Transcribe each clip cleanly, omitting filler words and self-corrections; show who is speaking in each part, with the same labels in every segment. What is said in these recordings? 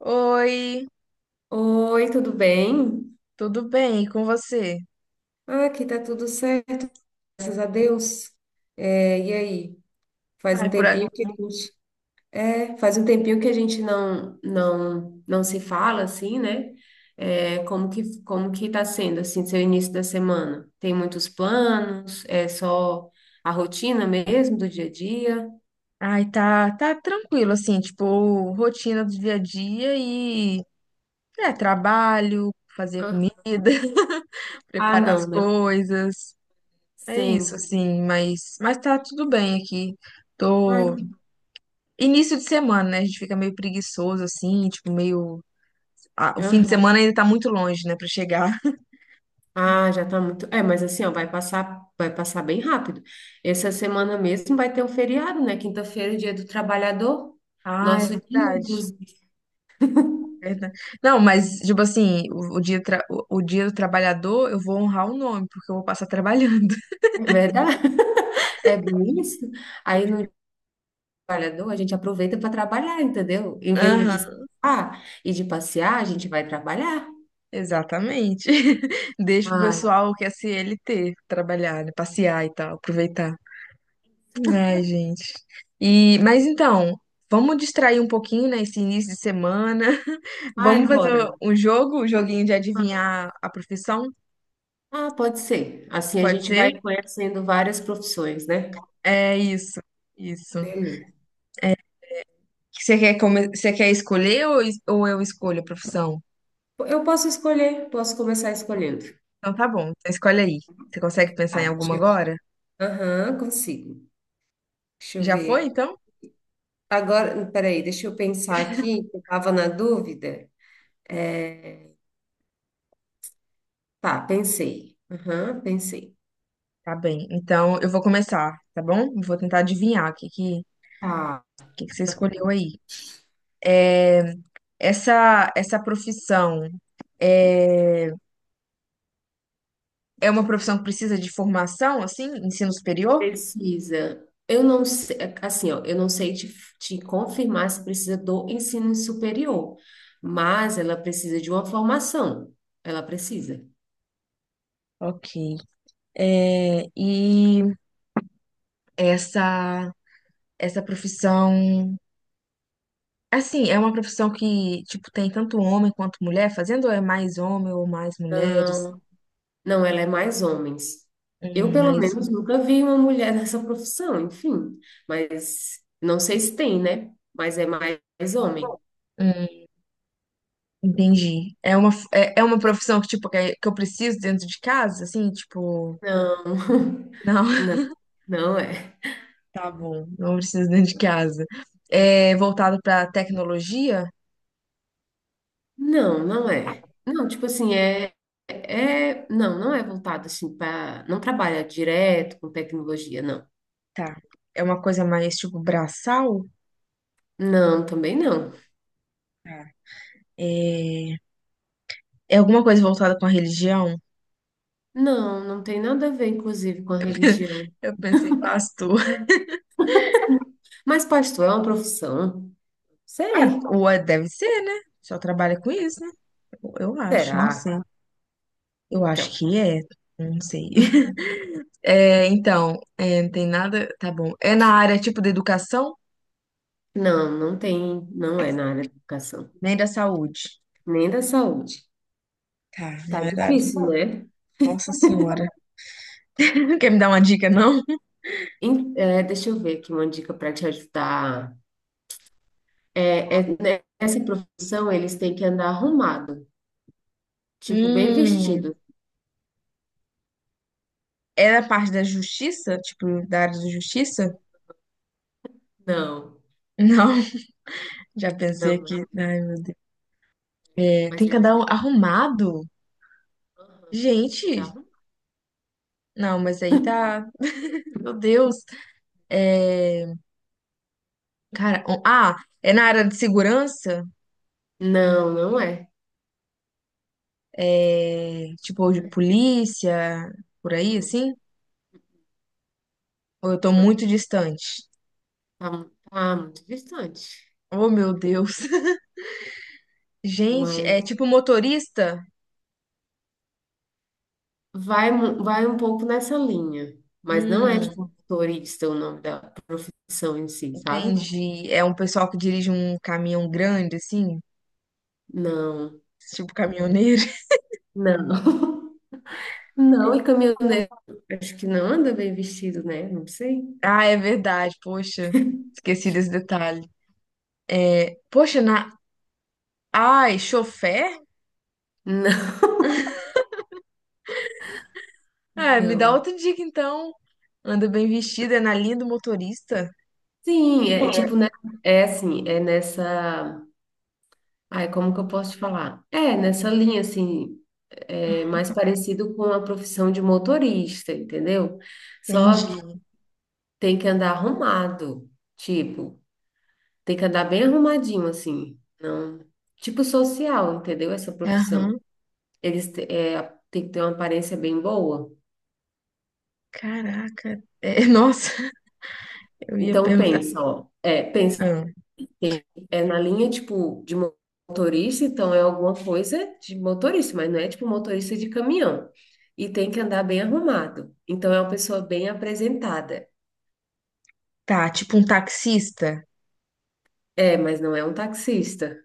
Speaker 1: Oi,
Speaker 2: Oi, tudo bem?
Speaker 1: tudo bem? E com você?
Speaker 2: Ah, aqui tá tudo certo, graças a Deus. E aí? Faz
Speaker 1: Ai,
Speaker 2: um
Speaker 1: por a-
Speaker 2: tempinho que a gente, Faz um tempinho que a gente não se fala assim, né? Como que tá sendo assim, seu início da semana? Tem muitos planos? É só a rotina mesmo do dia a dia?
Speaker 1: Ai, tá tranquilo, assim, tipo, rotina do dia a dia e trabalho, fazer comida,
Speaker 2: Ah, ah,
Speaker 1: preparar as
Speaker 2: não, né?
Speaker 1: coisas. É isso,
Speaker 2: Sempre.
Speaker 1: assim, mas tá tudo bem aqui.
Speaker 2: Ai,
Speaker 1: Tô. Início de semana, né? A gente fica meio preguiçoso, assim, tipo, meio. Ah, o fim de
Speaker 2: aham.
Speaker 1: semana ainda tá muito longe, né, pra chegar.
Speaker 2: Ah, já tá muito. Mas assim, ó, vai passar bem rápido. Essa semana mesmo vai ter um feriado, né? Quinta-feira, é dia do trabalhador.
Speaker 1: Ah, é
Speaker 2: Nosso dia,
Speaker 1: verdade.
Speaker 2: inclusive.
Speaker 1: Verdade. Não, mas, tipo assim, o dia, o dia do trabalhador, eu vou honrar o nome, porque eu vou passar trabalhando.
Speaker 2: É verdade? É bem isso. Aí no trabalhador a gente aproveita para trabalhar, entendeu? Em vez de
Speaker 1: Aham,
Speaker 2: descansar e de passear, a gente vai trabalhar.
Speaker 1: exatamente. Deixa o
Speaker 2: Ah,
Speaker 1: pessoal que é CLT trabalhar, né, passear e tal, aproveitar. Ai, gente. E, mas então, vamos distrair um pouquinho, né, esse início de semana.
Speaker 2: vai
Speaker 1: Vamos fazer
Speaker 2: embora.
Speaker 1: um jogo, um joguinho de adivinhar a profissão?
Speaker 2: Ah, pode ser. Assim a
Speaker 1: Pode
Speaker 2: gente vai
Speaker 1: ser?
Speaker 2: conhecendo várias profissões, né?
Speaker 1: É isso, isso.
Speaker 2: Beleza.
Speaker 1: Você quer, Você quer escolher ou, ou eu escolho a profissão?
Speaker 2: Eu posso escolher, posso começar escolhendo.
Speaker 1: Então tá bom, então escolhe aí. Você consegue pensar
Speaker 2: Tá,
Speaker 1: em alguma
Speaker 2: deixa eu-
Speaker 1: agora?
Speaker 2: Aham, consigo. Deixa eu
Speaker 1: Já foi,
Speaker 2: ver.
Speaker 1: então?
Speaker 2: Agora, peraí, deixa eu pensar aqui, que eu estava na dúvida. É, Tá, pensei. Aham, pensei.
Speaker 1: Tá bem, então eu vou começar, tá bom? Eu vou tentar adivinhar o
Speaker 2: Tá,
Speaker 1: que que você escolheu aí. Essa profissão é, é uma profissão que precisa de formação, assim, ensino superior?
Speaker 2: precisa. Eu não sei, assim, ó, eu não sei te, te confirmar se precisa do ensino superior, mas ela precisa de uma formação. Ela precisa.
Speaker 1: Ok. É, e essa, essa profissão, assim, é uma profissão que, tipo, tem tanto homem quanto mulher fazendo, ou é mais homem ou mais mulheres?
Speaker 2: Não, não, ela é mais homens. Eu, pelo
Speaker 1: Mais.
Speaker 2: menos, nunca vi uma mulher nessa profissão, enfim. Mas não sei se tem, né? Mas é mais homem.
Speaker 1: Hum. Entendi. É uma profissão que, tipo, que eu preciso dentro de casa, assim, tipo,
Speaker 2: Não,
Speaker 1: não,
Speaker 2: não, não é.
Speaker 1: tá bom, não preciso dentro de casa. É voltado pra tecnologia?
Speaker 2: Não, não é. Não, tipo assim, é, é, não, não é voltado assim para, não trabalha direto com tecnologia, não.
Speaker 1: Tá. É uma coisa mais, tipo, braçal?
Speaker 2: Não, também não.
Speaker 1: Tá. É, é alguma coisa voltada com a religião?
Speaker 2: Não, não tem nada a ver, inclusive, com a religião.
Speaker 1: Eu pensei, pastor.
Speaker 2: Mas pastor é uma profissão?
Speaker 1: Ah,
Speaker 2: Sei.
Speaker 1: deve ser, né? Só trabalha com isso, né? Eu acho, não
Speaker 2: Será?
Speaker 1: sei. Eu acho
Speaker 2: Então,
Speaker 1: que é, não sei. É, então, é, não tem nada, tá bom. É na área, tipo, da educação?
Speaker 2: não, não tem, não é na área da educação,
Speaker 1: Nem da saúde.
Speaker 2: nem da saúde.
Speaker 1: Tá, não
Speaker 2: Tá
Speaker 1: é verdade.
Speaker 2: difícil, né?
Speaker 1: Nossa Senhora. Quer me dar uma dica, não?
Speaker 2: Deixa eu ver aqui uma dica para te ajudar. Né, nessa profissão, eles têm que andar arrumado, tipo, bem
Speaker 1: Hum,
Speaker 2: vestido.
Speaker 1: é da parte da justiça? Tipo, da área da justiça?
Speaker 2: Não,
Speaker 1: Não, já pensei
Speaker 2: não,
Speaker 1: aqui. Ai, meu Deus. É, tem
Speaker 2: mas
Speaker 1: que
Speaker 2: eles
Speaker 1: andar
Speaker 2: andam arrumados.
Speaker 1: arrumado?
Speaker 2: Aham, tem que andar
Speaker 1: Gente,
Speaker 2: arrumado.
Speaker 1: não, mas aí tá. Meu Deus. É, cara, ah, é na área de segurança?
Speaker 2: Não, não é.
Speaker 1: É, tipo, de
Speaker 2: Não, é,
Speaker 1: polícia, por aí,
Speaker 2: não,
Speaker 1: assim? Ou eu tô
Speaker 2: não,
Speaker 1: muito distante?
Speaker 2: tá muito distante.
Speaker 1: Oh, meu Deus. Gente,
Speaker 2: Mas
Speaker 1: é tipo motorista?
Speaker 2: vai um pouco nessa linha. Mas não é,
Speaker 1: Hum,
Speaker 2: tipo, motorista o nome da profissão em si, sabe?
Speaker 1: entendi. É um pessoal que dirige um caminhão grande, assim,
Speaker 2: Não,
Speaker 1: tipo caminhoneiro.
Speaker 2: não. Não, e caminhoneiro, acho que não anda bem vestido, né? Não sei.
Speaker 1: Ah, é verdade, poxa, esqueci desse detalhe. É, poxa, na. Ai, chofer?
Speaker 2: Não,
Speaker 1: Ah, me dá
Speaker 2: não.
Speaker 1: outra dica então. Anda bem vestida, é na linha do motorista?
Speaker 2: Sim, é tipo, né? É assim, é nessa. Ai, como que eu posso te falar? É, nessa linha, assim, é mais parecido com a profissão de motorista, entendeu? Só que
Speaker 1: Entendi.
Speaker 2: tem que andar arrumado, tipo, tem que andar bem arrumadinho, assim, não. Tipo social, entendeu? Essa profissão.
Speaker 1: Aham.
Speaker 2: Eles te- é, tem que ter uma aparência bem boa.
Speaker 1: Caraca. É, nossa, eu ia
Speaker 2: Então,
Speaker 1: perguntar.
Speaker 2: pensa, ó, é, pensa.
Speaker 1: Ah,
Speaker 2: Sim. É na linha, tipo, de motorista, então é alguma coisa de motorista, mas não é tipo motorista de caminhão. E tem que andar bem arrumado. Então é uma pessoa bem apresentada.
Speaker 1: tá, tipo um taxista?
Speaker 2: É, mas não é um taxista.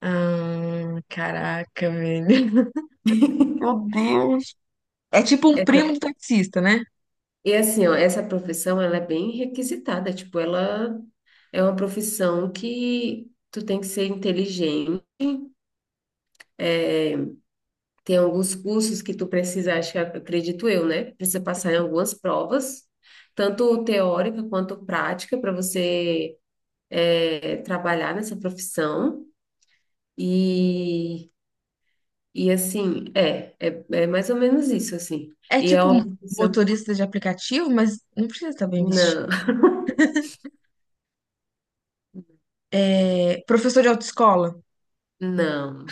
Speaker 1: Ah, caraca, velho. Meu Deus. É tipo um
Speaker 2: É, não.
Speaker 1: primo do taxista, né?
Speaker 2: E assim, ó, essa profissão, ela é bem requisitada, tipo, ela é uma profissão que tu tem que ser inteligente. Tem alguns cursos que tu precisa, acho que acredito eu, né? Precisa passar em algumas provas, tanto teórica quanto prática, para você trabalhar nessa profissão. E, é mais ou menos isso, assim.
Speaker 1: É
Speaker 2: E é
Speaker 1: tipo
Speaker 2: uma profissão.
Speaker 1: motorista de aplicativo, mas não precisa estar bem vestido.
Speaker 2: Não,
Speaker 1: É, professor de autoescola.
Speaker 2: não.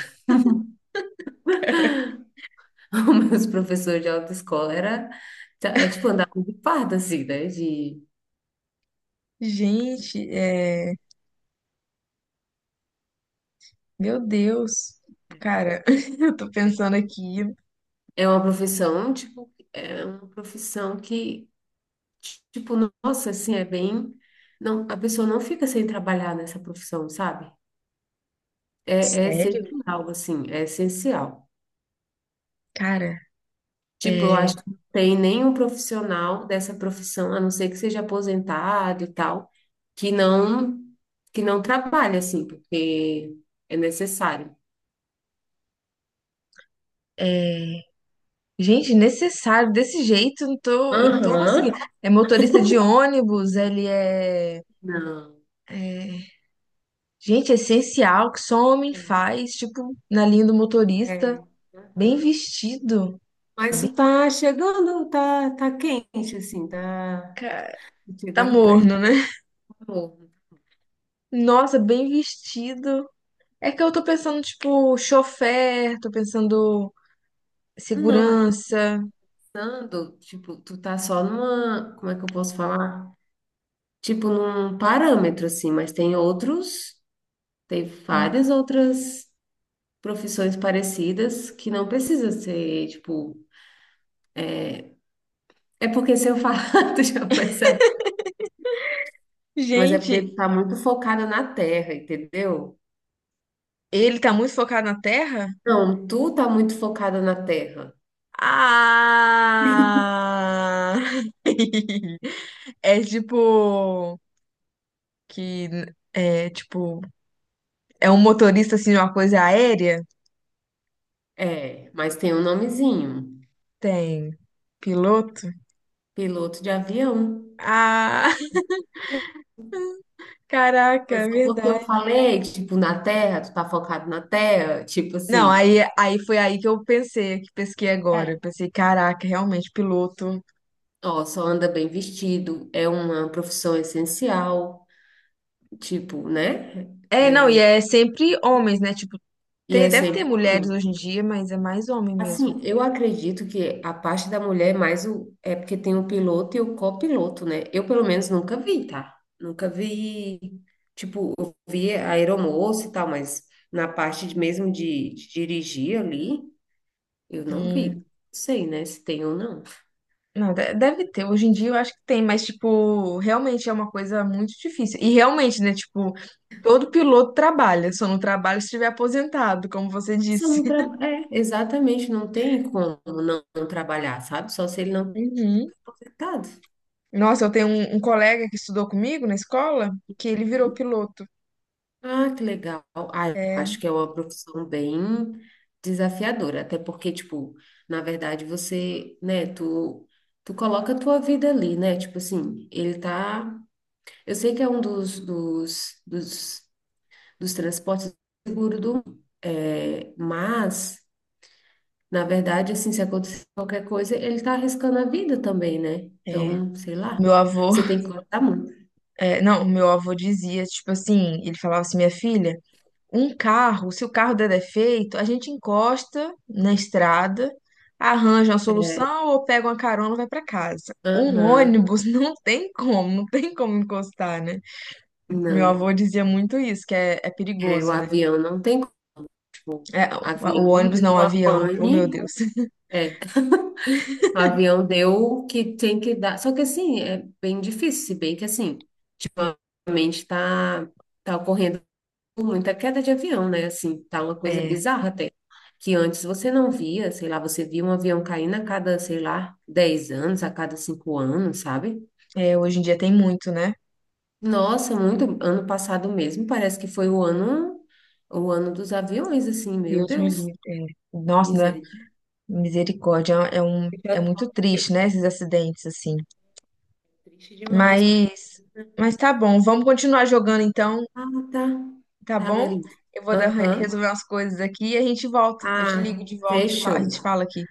Speaker 2: Os meus professores de autoescola era, tá, é tipo andar de farda, assim, né? De,
Speaker 1: Gente, é, meu Deus. Cara, eu tô pensando aqui.
Speaker 2: é uma profissão, tipo, é uma profissão que tipo, nossa, assim, é bem. Não, a pessoa não fica sem trabalhar nessa profissão, sabe? É, é
Speaker 1: Sério?
Speaker 2: essencial, assim, é essencial.
Speaker 1: Cara,
Speaker 2: Tipo, eu
Speaker 1: é,
Speaker 2: acho que não tem nenhum profissional dessa profissão, a não ser que seja aposentado e tal, que não que não trabalhe, assim, porque é necessário.
Speaker 1: é, gente, necessário. Desse jeito, eu não tô conseguindo.
Speaker 2: Aham.
Speaker 1: É motorista de ônibus,
Speaker 2: Não.
Speaker 1: é, gente, é essencial que só homem
Speaker 2: É,
Speaker 1: faz, tipo, na linha do motorista,
Speaker 2: é.
Speaker 1: bem
Speaker 2: Aham.
Speaker 1: vestido.
Speaker 2: Mas
Speaker 1: Bem,
Speaker 2: tu tá chegando, tá, tá quente, assim, tá
Speaker 1: cara, tá
Speaker 2: chegando perto.
Speaker 1: morno, né? Nossa, bem vestido. É que eu tô pensando, tipo, chofer, tô pensando
Speaker 2: Não, mas
Speaker 1: segurança.
Speaker 2: pensando, tipo, tu tá só numa, como é que eu posso falar? Tipo, num parâmetro, assim, mas tem outros, tem várias outras profissões parecidas que não precisa ser, tipo, é porque se eu falar, tu já vai saber. Mas é porque
Speaker 1: Gente,
Speaker 2: tu tá muito focada na terra, entendeu?
Speaker 1: ele tá muito focado na terra?
Speaker 2: Não, tu tá muito focada na terra.
Speaker 1: Ah! É tipo que é tipo é um motorista assim de uma coisa aérea?
Speaker 2: É, mas tem um nomezinho,
Speaker 1: Tem piloto?
Speaker 2: piloto de avião.
Speaker 1: Ah, caraca,
Speaker 2: Mas
Speaker 1: é
Speaker 2: só porque eu
Speaker 1: verdade.
Speaker 2: falei, tipo, na terra, tu tá focado na terra, tipo
Speaker 1: Não,
Speaker 2: assim.
Speaker 1: aí foi aí que eu pensei, que pesquei agora.
Speaker 2: É,
Speaker 1: Eu pensei, caraca, realmente, piloto.
Speaker 2: ó, só anda bem vestido, é uma profissão essencial, tipo, né?
Speaker 1: É, não, e é sempre homens, né? Tipo,
Speaker 2: E
Speaker 1: tem,
Speaker 2: é
Speaker 1: deve ter
Speaker 2: sempre
Speaker 1: mulheres
Speaker 2: homem.
Speaker 1: hoje em dia, mas é mais homem mesmo.
Speaker 2: Assim, eu acredito que a parte da mulher é mais o. É porque tem o piloto e o copiloto, né? Eu, pelo menos, nunca vi, tá? Nunca vi. Tipo, eu vi a aeromoça e tal, mas mesmo de dirigir ali, eu não vi.
Speaker 1: Hum,
Speaker 2: Não sei, né, se tem ou não.
Speaker 1: não, deve ter. Hoje em dia eu acho que tem, mas, tipo, realmente é uma coisa muito difícil. E realmente, né? Tipo, todo piloto trabalha, só não trabalha se estiver aposentado, como você
Speaker 2: Se eu
Speaker 1: disse.
Speaker 2: não tra... É, exatamente, não tem como não trabalhar, sabe? Só se ele não
Speaker 1: Uhum.
Speaker 2: for contratado.
Speaker 1: Nossa, eu tenho um colega que estudou comigo na escola, que ele virou piloto.
Speaker 2: Ah, que legal. Ah, eu acho
Speaker 1: É,
Speaker 2: que é uma profissão bem desafiadora, até porque, tipo, na verdade você, né, tu, tu coloca a tua vida ali, né? Tipo assim, ele tá. Eu sei que é um dos transportes seguros do mundo, é, mas, na verdade, assim, se acontecer qualquer coisa, ele tá arriscando a vida também, né?
Speaker 1: é.
Speaker 2: Então, sei lá,
Speaker 1: Meu avô.
Speaker 2: você tem que cortar muito.
Speaker 1: É, não, o meu avô dizia, tipo assim, ele falava assim, minha filha, um carro, se o carro der defeito, a gente encosta na estrada, arranja uma
Speaker 2: É,
Speaker 1: solução ou pega uma carona e vai pra casa. Um
Speaker 2: aham,
Speaker 1: ônibus não tem como encostar, né? Meu
Speaker 2: não.
Speaker 1: avô dizia muito isso, que é
Speaker 2: É, o
Speaker 1: perigoso, né?
Speaker 2: avião não tem. O
Speaker 1: É, o
Speaker 2: avião
Speaker 1: ônibus não, o
Speaker 2: deu a
Speaker 1: avião. Oh, meu
Speaker 2: pane.
Speaker 1: Deus.
Speaker 2: É, o avião deu o que tem que dar. Só que assim, é bem difícil, se bem que assim, ultimamente está tá tá ocorrendo muita queda de avião, né? Assim, tá uma coisa
Speaker 1: É,
Speaker 2: bizarra até. Que antes você não via, sei lá, você via um avião caindo a cada, sei lá, 10 anos, a cada 5 anos, sabe?
Speaker 1: hoje em dia tem muito, né?
Speaker 2: Nossa, muito. Ano passado mesmo, parece que foi o ano dos aviões, assim, meu
Speaker 1: Deus me
Speaker 2: Deus,
Speaker 1: livre. É. Nossa, né? Misericórdia, é
Speaker 2: misericórdia.
Speaker 1: muito triste, né? Esses acidentes assim.
Speaker 2: Triste demais.
Speaker 1: Mas, mas tá bom, vamos continuar jogando então,
Speaker 2: Ah, tá.
Speaker 1: tá
Speaker 2: Tá,
Speaker 1: bom?
Speaker 2: beleza.
Speaker 1: Eu vou dar-
Speaker 2: Aham.
Speaker 1: resolver umas coisas aqui e a gente volta. Eu te ligo
Speaker 2: Ah,
Speaker 1: de volta, e a
Speaker 2: fechou.
Speaker 1: gente fala aqui.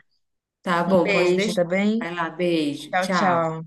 Speaker 2: Tá
Speaker 1: Um
Speaker 2: bom, pode
Speaker 1: beijo, tá
Speaker 2: deixar.
Speaker 1: bem?
Speaker 2: Vai lá, beijo.
Speaker 1: Tchau,
Speaker 2: Tchau.
Speaker 1: tchau.